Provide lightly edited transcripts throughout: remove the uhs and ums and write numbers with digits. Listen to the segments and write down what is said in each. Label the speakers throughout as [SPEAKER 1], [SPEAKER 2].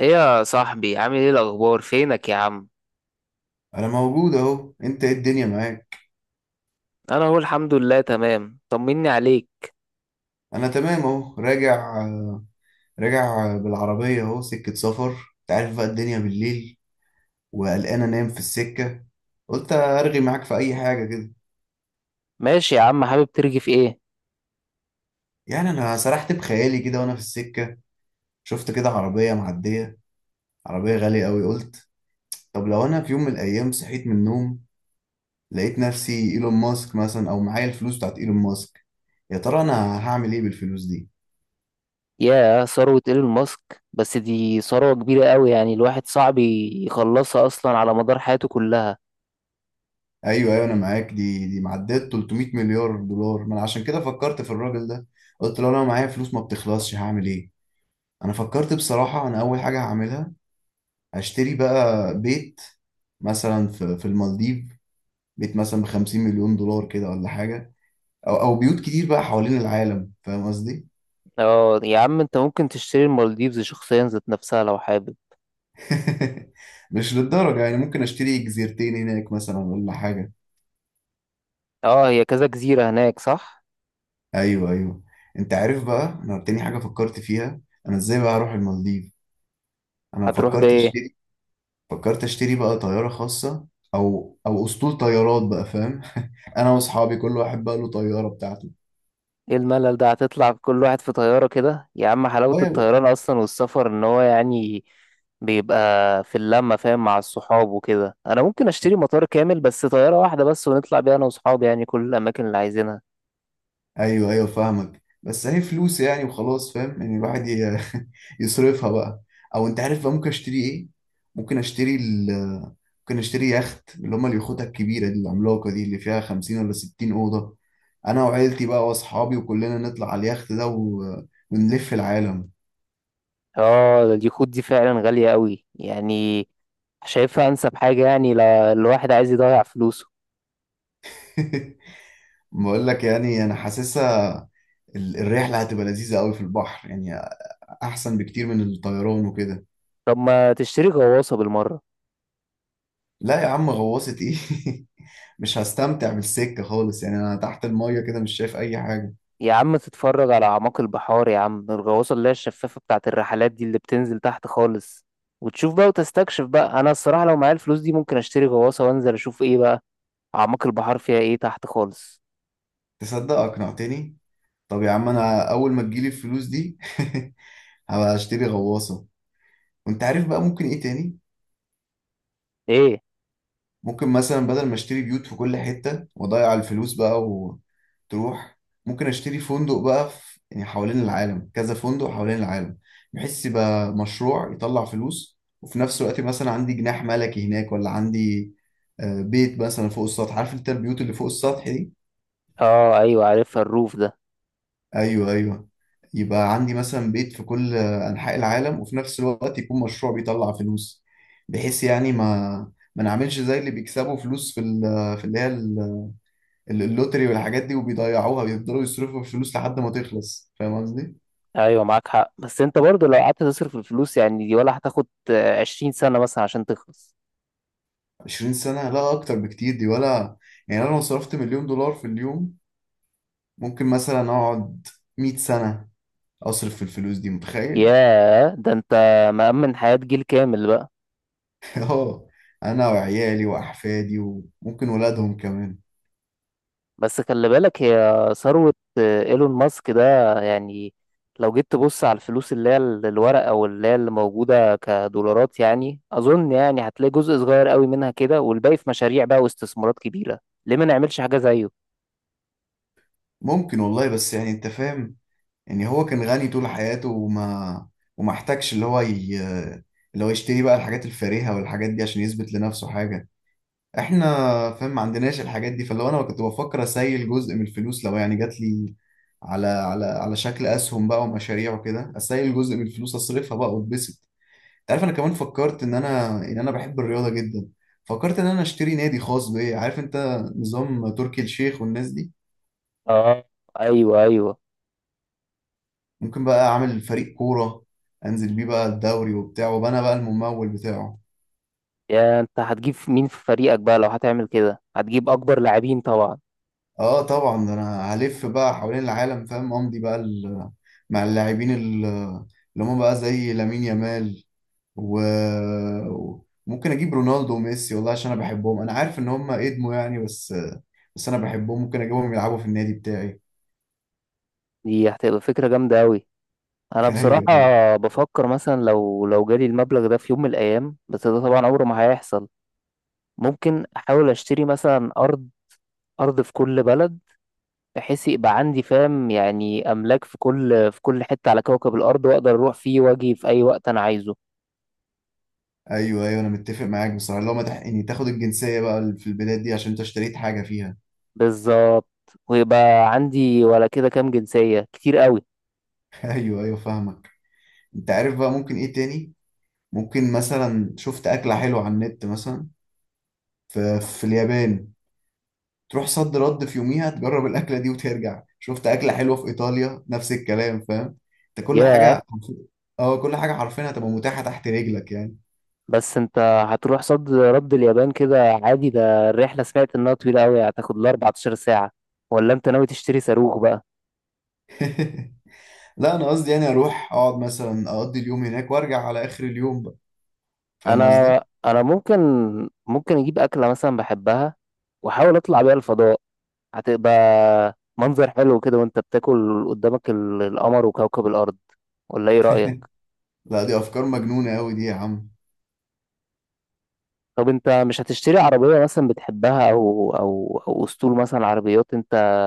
[SPEAKER 1] ايه يا صاحبي، عامل ايه؟ الاخبار فينك يا عم؟
[SPEAKER 2] انا موجود اهو. انت ايه الدنيا معاك؟
[SPEAKER 1] انا اهو الحمد لله تمام. طمني عليك.
[SPEAKER 2] انا تمام اهو راجع. راجع بالعربيه اهو، سكه سفر. انت عارف بقى الدنيا بالليل، وقلقان انام في السكه، قلت ارغي معاك في اي حاجه كده.
[SPEAKER 1] ماشي يا عم، حابب ترغي في ايه؟
[SPEAKER 2] يعني انا سرحت بخيالي كده وانا في السكه، شفت كده عربيه معديه، عربيه غاليه قوي. قلت طب لو انا في يوم من الايام صحيت من النوم لقيت نفسي ايلون ماسك مثلا، او معايا الفلوس بتاعت ايلون ماسك، يا ترى انا هعمل ايه بالفلوس دي؟
[SPEAKER 1] يا ثروة ايلون ماسك، بس دي ثروة كبيرة قوي يعني. الواحد صعب يخلصها اصلا على مدار حياته كلها.
[SPEAKER 2] ايوه ايوه انا معاك، دي معدات 300 مليار دولار. ما انا عشان كده فكرت في الراجل ده، قلت له انا معايا فلوس ما بتخلصش هعمل ايه؟ انا فكرت بصراحه، انا اول حاجه هعملها هشتري بقى بيت، مثلا في المالديف، بيت مثلا ب 50 مليون دولار كده ولا حاجه، او بيوت كتير بقى حوالين العالم، فاهم قصدي؟
[SPEAKER 1] اه يا عم، انت ممكن تشتري المالديفز شخصيا ذات نفسها لو حابب.
[SPEAKER 2] مش للدرجه يعني، ممكن اشتري جزيرتين هناك مثلا ولا حاجه.
[SPEAKER 1] اه، هي كذا جزيرة هناك صح؟
[SPEAKER 2] ايوه ايوه. انت عارف بقى انا تاني حاجه فكرت فيها؟ انا ازاي بقى هروح المالديف؟ انا
[SPEAKER 1] هتروح
[SPEAKER 2] فكرت
[SPEAKER 1] بايه؟
[SPEAKER 2] اشتري فكرت اشتري بقى طيارة خاصة، او اسطول طيارات بقى، فاهم؟ انا واصحابي كل واحد بقى له طيارة بتاعته.
[SPEAKER 1] ايه الملل ده؟ هتطلع كل واحد في طيارة كده يا عم؟ حلاوة
[SPEAKER 2] طيب،
[SPEAKER 1] الطيران اصلا والسفر ان هو يعني بيبقى في اللمة، فاهم، مع الصحاب وكده. انا ممكن اشتري مطار كامل، بس طيارة واحدة بس، ونطلع بيها انا وصحابي يعني كل الاماكن اللي عايزينها.
[SPEAKER 2] ايوه ايوه فاهمك، بس هي فلوس يعني وخلاص، فاهم ان الواحد يصرفها بقى. او انت عارف بقى ممكن اشتري ايه؟ ممكن اشتري ال ممكن اشتري يخت، اللي هما اليخوت الكبيرة دي العملاقة دي اللي فيها 50 ولا 60 أوضة، انا وعيلتي بقى واصحابي وكلنا نطلع على اليخت ده ونلف العالم.
[SPEAKER 1] اه، ده اليخوت دي فعلا غالية قوي يعني. شايفها انسب حاجة يعني لو الواحد عايز يضيع فلوسه.
[SPEAKER 2] بقول لك يعني انا حاسسها، الرحله هتبقى لذيذه قوي في البحر يعني، احسن بكتير من الطيران وكده.
[SPEAKER 1] طب ما تشتري غواصة بالمرة؟
[SPEAKER 2] لا يا عم، غواصه ايه؟ مش هستمتع بالسكه خالص يعني، انا تحت الميه كده مش شايف اي حاجه.
[SPEAKER 1] يا عم تتفرج على أعماق البحار يا عم، الغواصة اللي هي الشفافة بتاعة الرحلات دي اللي بتنزل تحت خالص، وتشوف بقى وتستكشف بقى. أنا الصراحة لو معايا الفلوس دي ممكن أشتري غواصة وأنزل أشوف إيه بقى أعماق البحار فيها إيه تحت خالص.
[SPEAKER 2] تصدق اقنعتني. طب يا عم انا اول ما تجيلي الفلوس دي هبقى اشتري غواصه. وانت عارف بقى ممكن ايه تاني؟
[SPEAKER 1] إيه؟
[SPEAKER 2] ممكن مثلا بدل ما اشتري بيوت في كل حتة واضيع الفلوس بقى وتروح، ممكن اشتري فندق بقى في يعني حوالين العالم، كذا فندق حوالين العالم، بحيث يبقى مشروع يطلع فلوس وفي نفس الوقت مثلا عندي جناح ملكي هناك، ولا عندي بيت مثلا فوق السطح، عارف انت البيوت اللي فوق السطح دي؟
[SPEAKER 1] آه، أيوة عارفها، الروف ده.
[SPEAKER 2] ايوه ايوه. يبقى عندي مثلا بيت في كل انحاء العالم، وفي نفس الوقت يكون مشروع بيطلع فلوس، بحيث يعني ما نعملش زي اللي بيكسبوا فلوس في في اللي هي اللوتري والحاجات دي وبيضيعوها، بيفضلوا يصرفوا في الفلوس لحد ما تخلص، فاهم قصدي؟
[SPEAKER 1] أيوة معاك حق، بس أنت برضو لو قعدت تصرف الفلوس يعني دي، ولا هتاخد عشرين سنة مثلا عشان تخلص.
[SPEAKER 2] 20 سنة؟ لا اكتر بكتير دي، ولا يعني انا لو صرفت مليون دولار في اليوم ممكن مثلا اقعد 100 سنة اصرف في الفلوس دي، متخيل؟
[SPEAKER 1] ياه، ده أنت مأمن حياة جيل كامل بقى.
[SPEAKER 2] اه، انا وعيالي واحفادي وممكن ولادهم كمان.
[SPEAKER 1] بس خلي بالك، هي ثروة ايلون ماسك ده يعني. لو جيت تبص على الفلوس اللي هي الورقة او اللي هي اللي موجودة كدولارات يعني، اظن يعني هتلاقي جزء صغير قوي منها كده، والباقي في مشاريع بقى واستثمارات كبيرة. ليه ما نعملش حاجة زيه؟
[SPEAKER 2] ممكن والله، بس يعني انت فاهم، يعني هو كان غني طول حياته وما احتاجش اللي هو اللي هو يشتري بقى الحاجات الفارهة والحاجات دي عشان يثبت لنفسه حاجة. احنا فاهم ما عندناش الحاجات دي، فلو انا كنت بفكر اسيل جزء من الفلوس لو يعني جات لي على شكل اسهم بقى ومشاريع وكده، اسيل جزء من الفلوس اصرفها بقى واتبسط. انت عارف انا كمان فكرت ان انا بحب الرياضه جدا، فكرت ان انا اشتري نادي خاص بيا، عارف انت نظام تركي الشيخ والناس دي؟
[SPEAKER 1] اه. ايوه ايوه.
[SPEAKER 2] ممكن بقى اعمل فريق كوره، انزل بيه بقى الدوري وبتاع، وابقى انا بقى الممول بتاعه.
[SPEAKER 1] يا انت هتجيب مين في فريقك بقى لو هتعمل كده؟ هتجيب اكبر لاعبين طبعا.
[SPEAKER 2] اه طبعا، ده انا هلف بقى حوالين العالم فاهم، امضي بقى مع اللاعبين اللي هم بقى زي لامين يامال و- وممكن اجيب رونالدو وميسي والله، عشان انا بحبهم، انا عارف ان هم ادموا يعني بس، بس انا بحبهم، ممكن اجيبهم يلعبوا في النادي بتاعي.
[SPEAKER 1] دي هتبقى فكرة جامدة قوي. انا بصراحة
[SPEAKER 2] ايوه
[SPEAKER 1] بفكر مثلا لو جالي المبلغ ده في يوم من الايام، بس ده طبعا عمره ما هيحصل. ممكن احاول اشتري مثلا ارض، ارض في كل بلد، بحيث يبقى عندي فاهم يعني، املاك في كل حته على كوكب الارض، واقدر اروح فيه واجي في اي وقت انا عايزه.
[SPEAKER 2] ايوه. ايوه انا متفق معاك بصراحه، لو ما تحقني تاخد الجنسيه بقى في البلاد دي عشان انت اشتريت حاجه فيها.
[SPEAKER 1] بالظبط. ويبقى عندي ولا كده كام جنسيه، كتير قوي.
[SPEAKER 2] ايوه ايوه فاهمك. انت عارف بقى ممكن ايه تاني؟ ممكن مثلا شفت اكله حلوه على النت مثلا في اليابان، تروح صد رد في يوميها تجرب الاكله دي وترجع، شفت اكله حلوه في ايطاليا نفس الكلام فاهم، انت كل
[SPEAKER 1] ياه،
[SPEAKER 2] حاجه، اه كل حاجه حرفيا هتبقى متاحه تحت رجلك يعني.
[SPEAKER 1] بس انت هتروح صد رد اليابان كده عادي؟ ده الرحله سمعت انها طويله قوي، هتاخد لها 14 ساعه. ولا انت ناوي تشتري صاروخ بقى؟
[SPEAKER 2] لا انا قصدي يعني اروح اقعد مثلا اقضي اليوم هناك وارجع على اخر اليوم بقى، فاهم
[SPEAKER 1] انا
[SPEAKER 2] قصدي؟
[SPEAKER 1] انا ممكن اجيب اكله مثلا بحبها، واحاول اطلع بيها الفضاء. هتبقى منظر حلو كده وانت بتاكل قدامك القمر وكوكب الارض. ولا ايه رأيك؟
[SPEAKER 2] لا دي افكار مجنونه قوي دي يا عم.
[SPEAKER 1] طب انت مش هتشتري عربية مثلا بتحبها او اسطول مثلا عربيات انت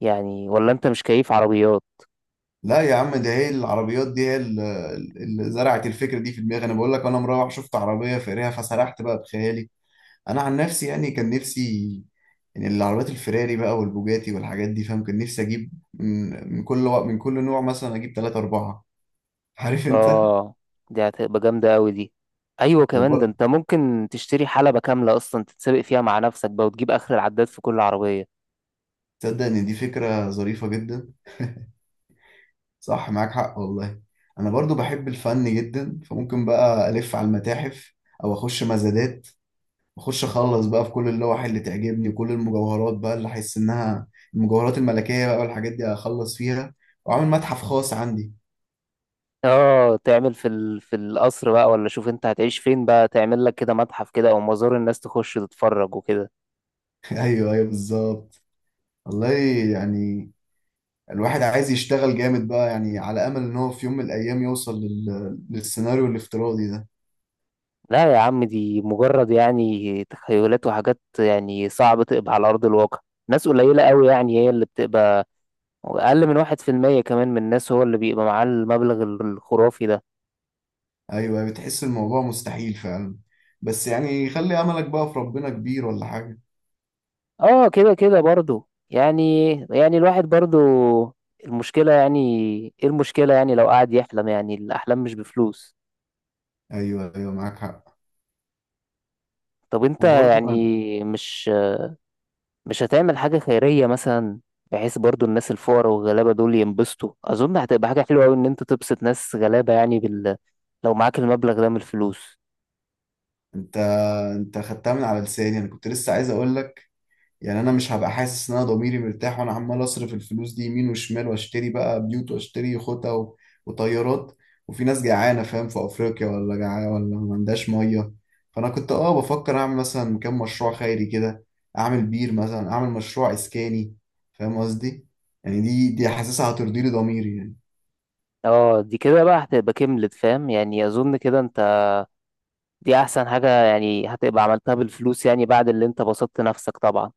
[SPEAKER 1] يعني؟ ولا انت مش كيف عربيات؟
[SPEAKER 2] لا يا عم ده هي العربيات دي هي اللي زرعت الفكره دي في دماغي، انا بقول لك انا مروح شفت عربيه فقريها فسرحت بقى بخيالي. انا عن نفسي يعني كان نفسي يعني العربيات الفراري بقى والبوجاتي والحاجات دي فاهم، كان نفسي اجيب من كل من كل نوع، مثلا اجيب ثلاثة أربعة. عارف انت،
[SPEAKER 1] اه، دي هتبقى جامدة قوي دي. ايوه، كمان ده
[SPEAKER 2] وبرضه
[SPEAKER 1] انت ممكن تشتري حلبة كاملة اصلا تتسابق فيها مع نفسك بقى، وتجيب اخر العداد في كل عربية.
[SPEAKER 2] تصدق ان دي فكرة ظريفة جدا، صح معاك حق والله. انا برضو بحب الفن جدا، فممكن بقى الف على المتاحف او اخش مزادات، اخش اخلص بقى في كل اللوح اللي تعجبني وكل المجوهرات بقى اللي احس انها المجوهرات الملكية بقى والحاجات دي، اخلص فيها واعمل متحف خاص عندي.
[SPEAKER 1] اه، تعمل في في القصر بقى، ولا شوف انت هتعيش فين بقى تعمل لك كده متحف كده، او مزار الناس تخش تتفرج وكده.
[SPEAKER 2] ايوه ايوه بالظبط. والله يعني الواحد عايز يشتغل جامد بقى يعني على امل ان هو في يوم من الايام يوصل للسيناريو الافتراضي ده.
[SPEAKER 1] لا يا عم، دي مجرد يعني تخيلات وحاجات يعني صعب تقبع على أرض الواقع. ناس قليلة قوي يعني هي اللي بتبقى، أقل من واحد في المية كمان من الناس هو اللي بيبقى معاه المبلغ الخرافي ده.
[SPEAKER 2] ايوه بتحس الموضوع مستحيل فعلا، بس يعني خلي املك بقى في ربنا كبير ولا حاجه.
[SPEAKER 1] اه، كده كده برضو يعني الواحد برضو المشكلة يعني، ايه المشكلة يعني لو قعد يحلم؟ يعني الأحلام مش بفلوس.
[SPEAKER 2] ايوه ايوه معاك حق.
[SPEAKER 1] طب انت
[SPEAKER 2] وبرضه أنا-
[SPEAKER 1] يعني مش هتعمل حاجة خيرية مثلا، بحيث برضو الناس الفقراء والغلابة دول ينبسطوا؟ أظن هتبقى حاجة حلوة أوي إن أنت تبسط ناس غلابة يعني لو معاك المبلغ ده من الفلوس.
[SPEAKER 2] انت انت خدتها من على لساني، انا كنت لسه عايز اقول لك يعني انا مش هبقى حاسس ان انا ضميري مرتاح وانا عمال اصرف الفلوس دي يمين وشمال، واشتري بقى بيوت واشتري خطة وطيارات، وفي ناس جعانة فاهم في افريقيا ولا جعانة ولا ما عندهاش مية، فانا كنت اه بفكر اعمل مثلا كام مشروع خيري كده، اعمل بير مثلا، اعمل مشروع اسكاني فاهم قصدي؟ يعني دي حاسسها هترضي لي ضميري يعني.
[SPEAKER 1] اه، دي كده بقى هتبقى كملت، فاهم يعني، أظن كده أنت. دي أحسن حاجة يعني هتبقى عملتها بالفلوس يعني، بعد اللي أنت بسطت نفسك طبعا.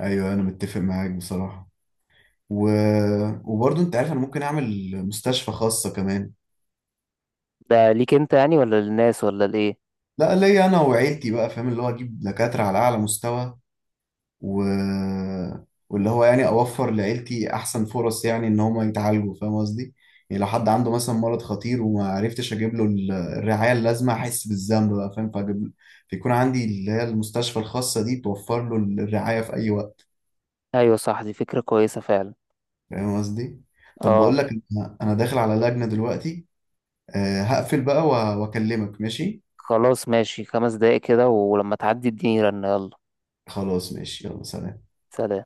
[SPEAKER 2] ايوه انا متفق معاك بصراحة و... وبرضه انت عارف انا ممكن اعمل مستشفى خاصة كمان.
[SPEAKER 1] ده ليك أنت يعني، ولا للناس، ولا لإيه؟
[SPEAKER 2] لا ليا انا وعيلتي بقى فاهم، اللي هو اجيب دكاترة على اعلى مستوى و... واللي هو يعني اوفر لعيلتي احسن فرص يعني ان هم يتعالجوا فاهم قصدي. يعني لو حد عنده مثلا مرض خطير وما عرفتش اجيب له الرعايه اللازمه، احس بالذنب بقى فاهم، فاجيب له، فيكون عندي اللي هي المستشفى الخاصه دي توفر له الرعايه في اي وقت
[SPEAKER 1] أيوة صح، دي فكرة كويسة فعلا.
[SPEAKER 2] فاهم قصدي. طب بقول
[SPEAKER 1] اه
[SPEAKER 2] لك انا داخل على لجنه دلوقتي، هقفل بقى واكلمك ماشي؟
[SPEAKER 1] خلاص ماشي، خمس دقايق كده ولما تعدي اديني رنة. يلا
[SPEAKER 2] خلاص ماشي يلا سلام.
[SPEAKER 1] سلام.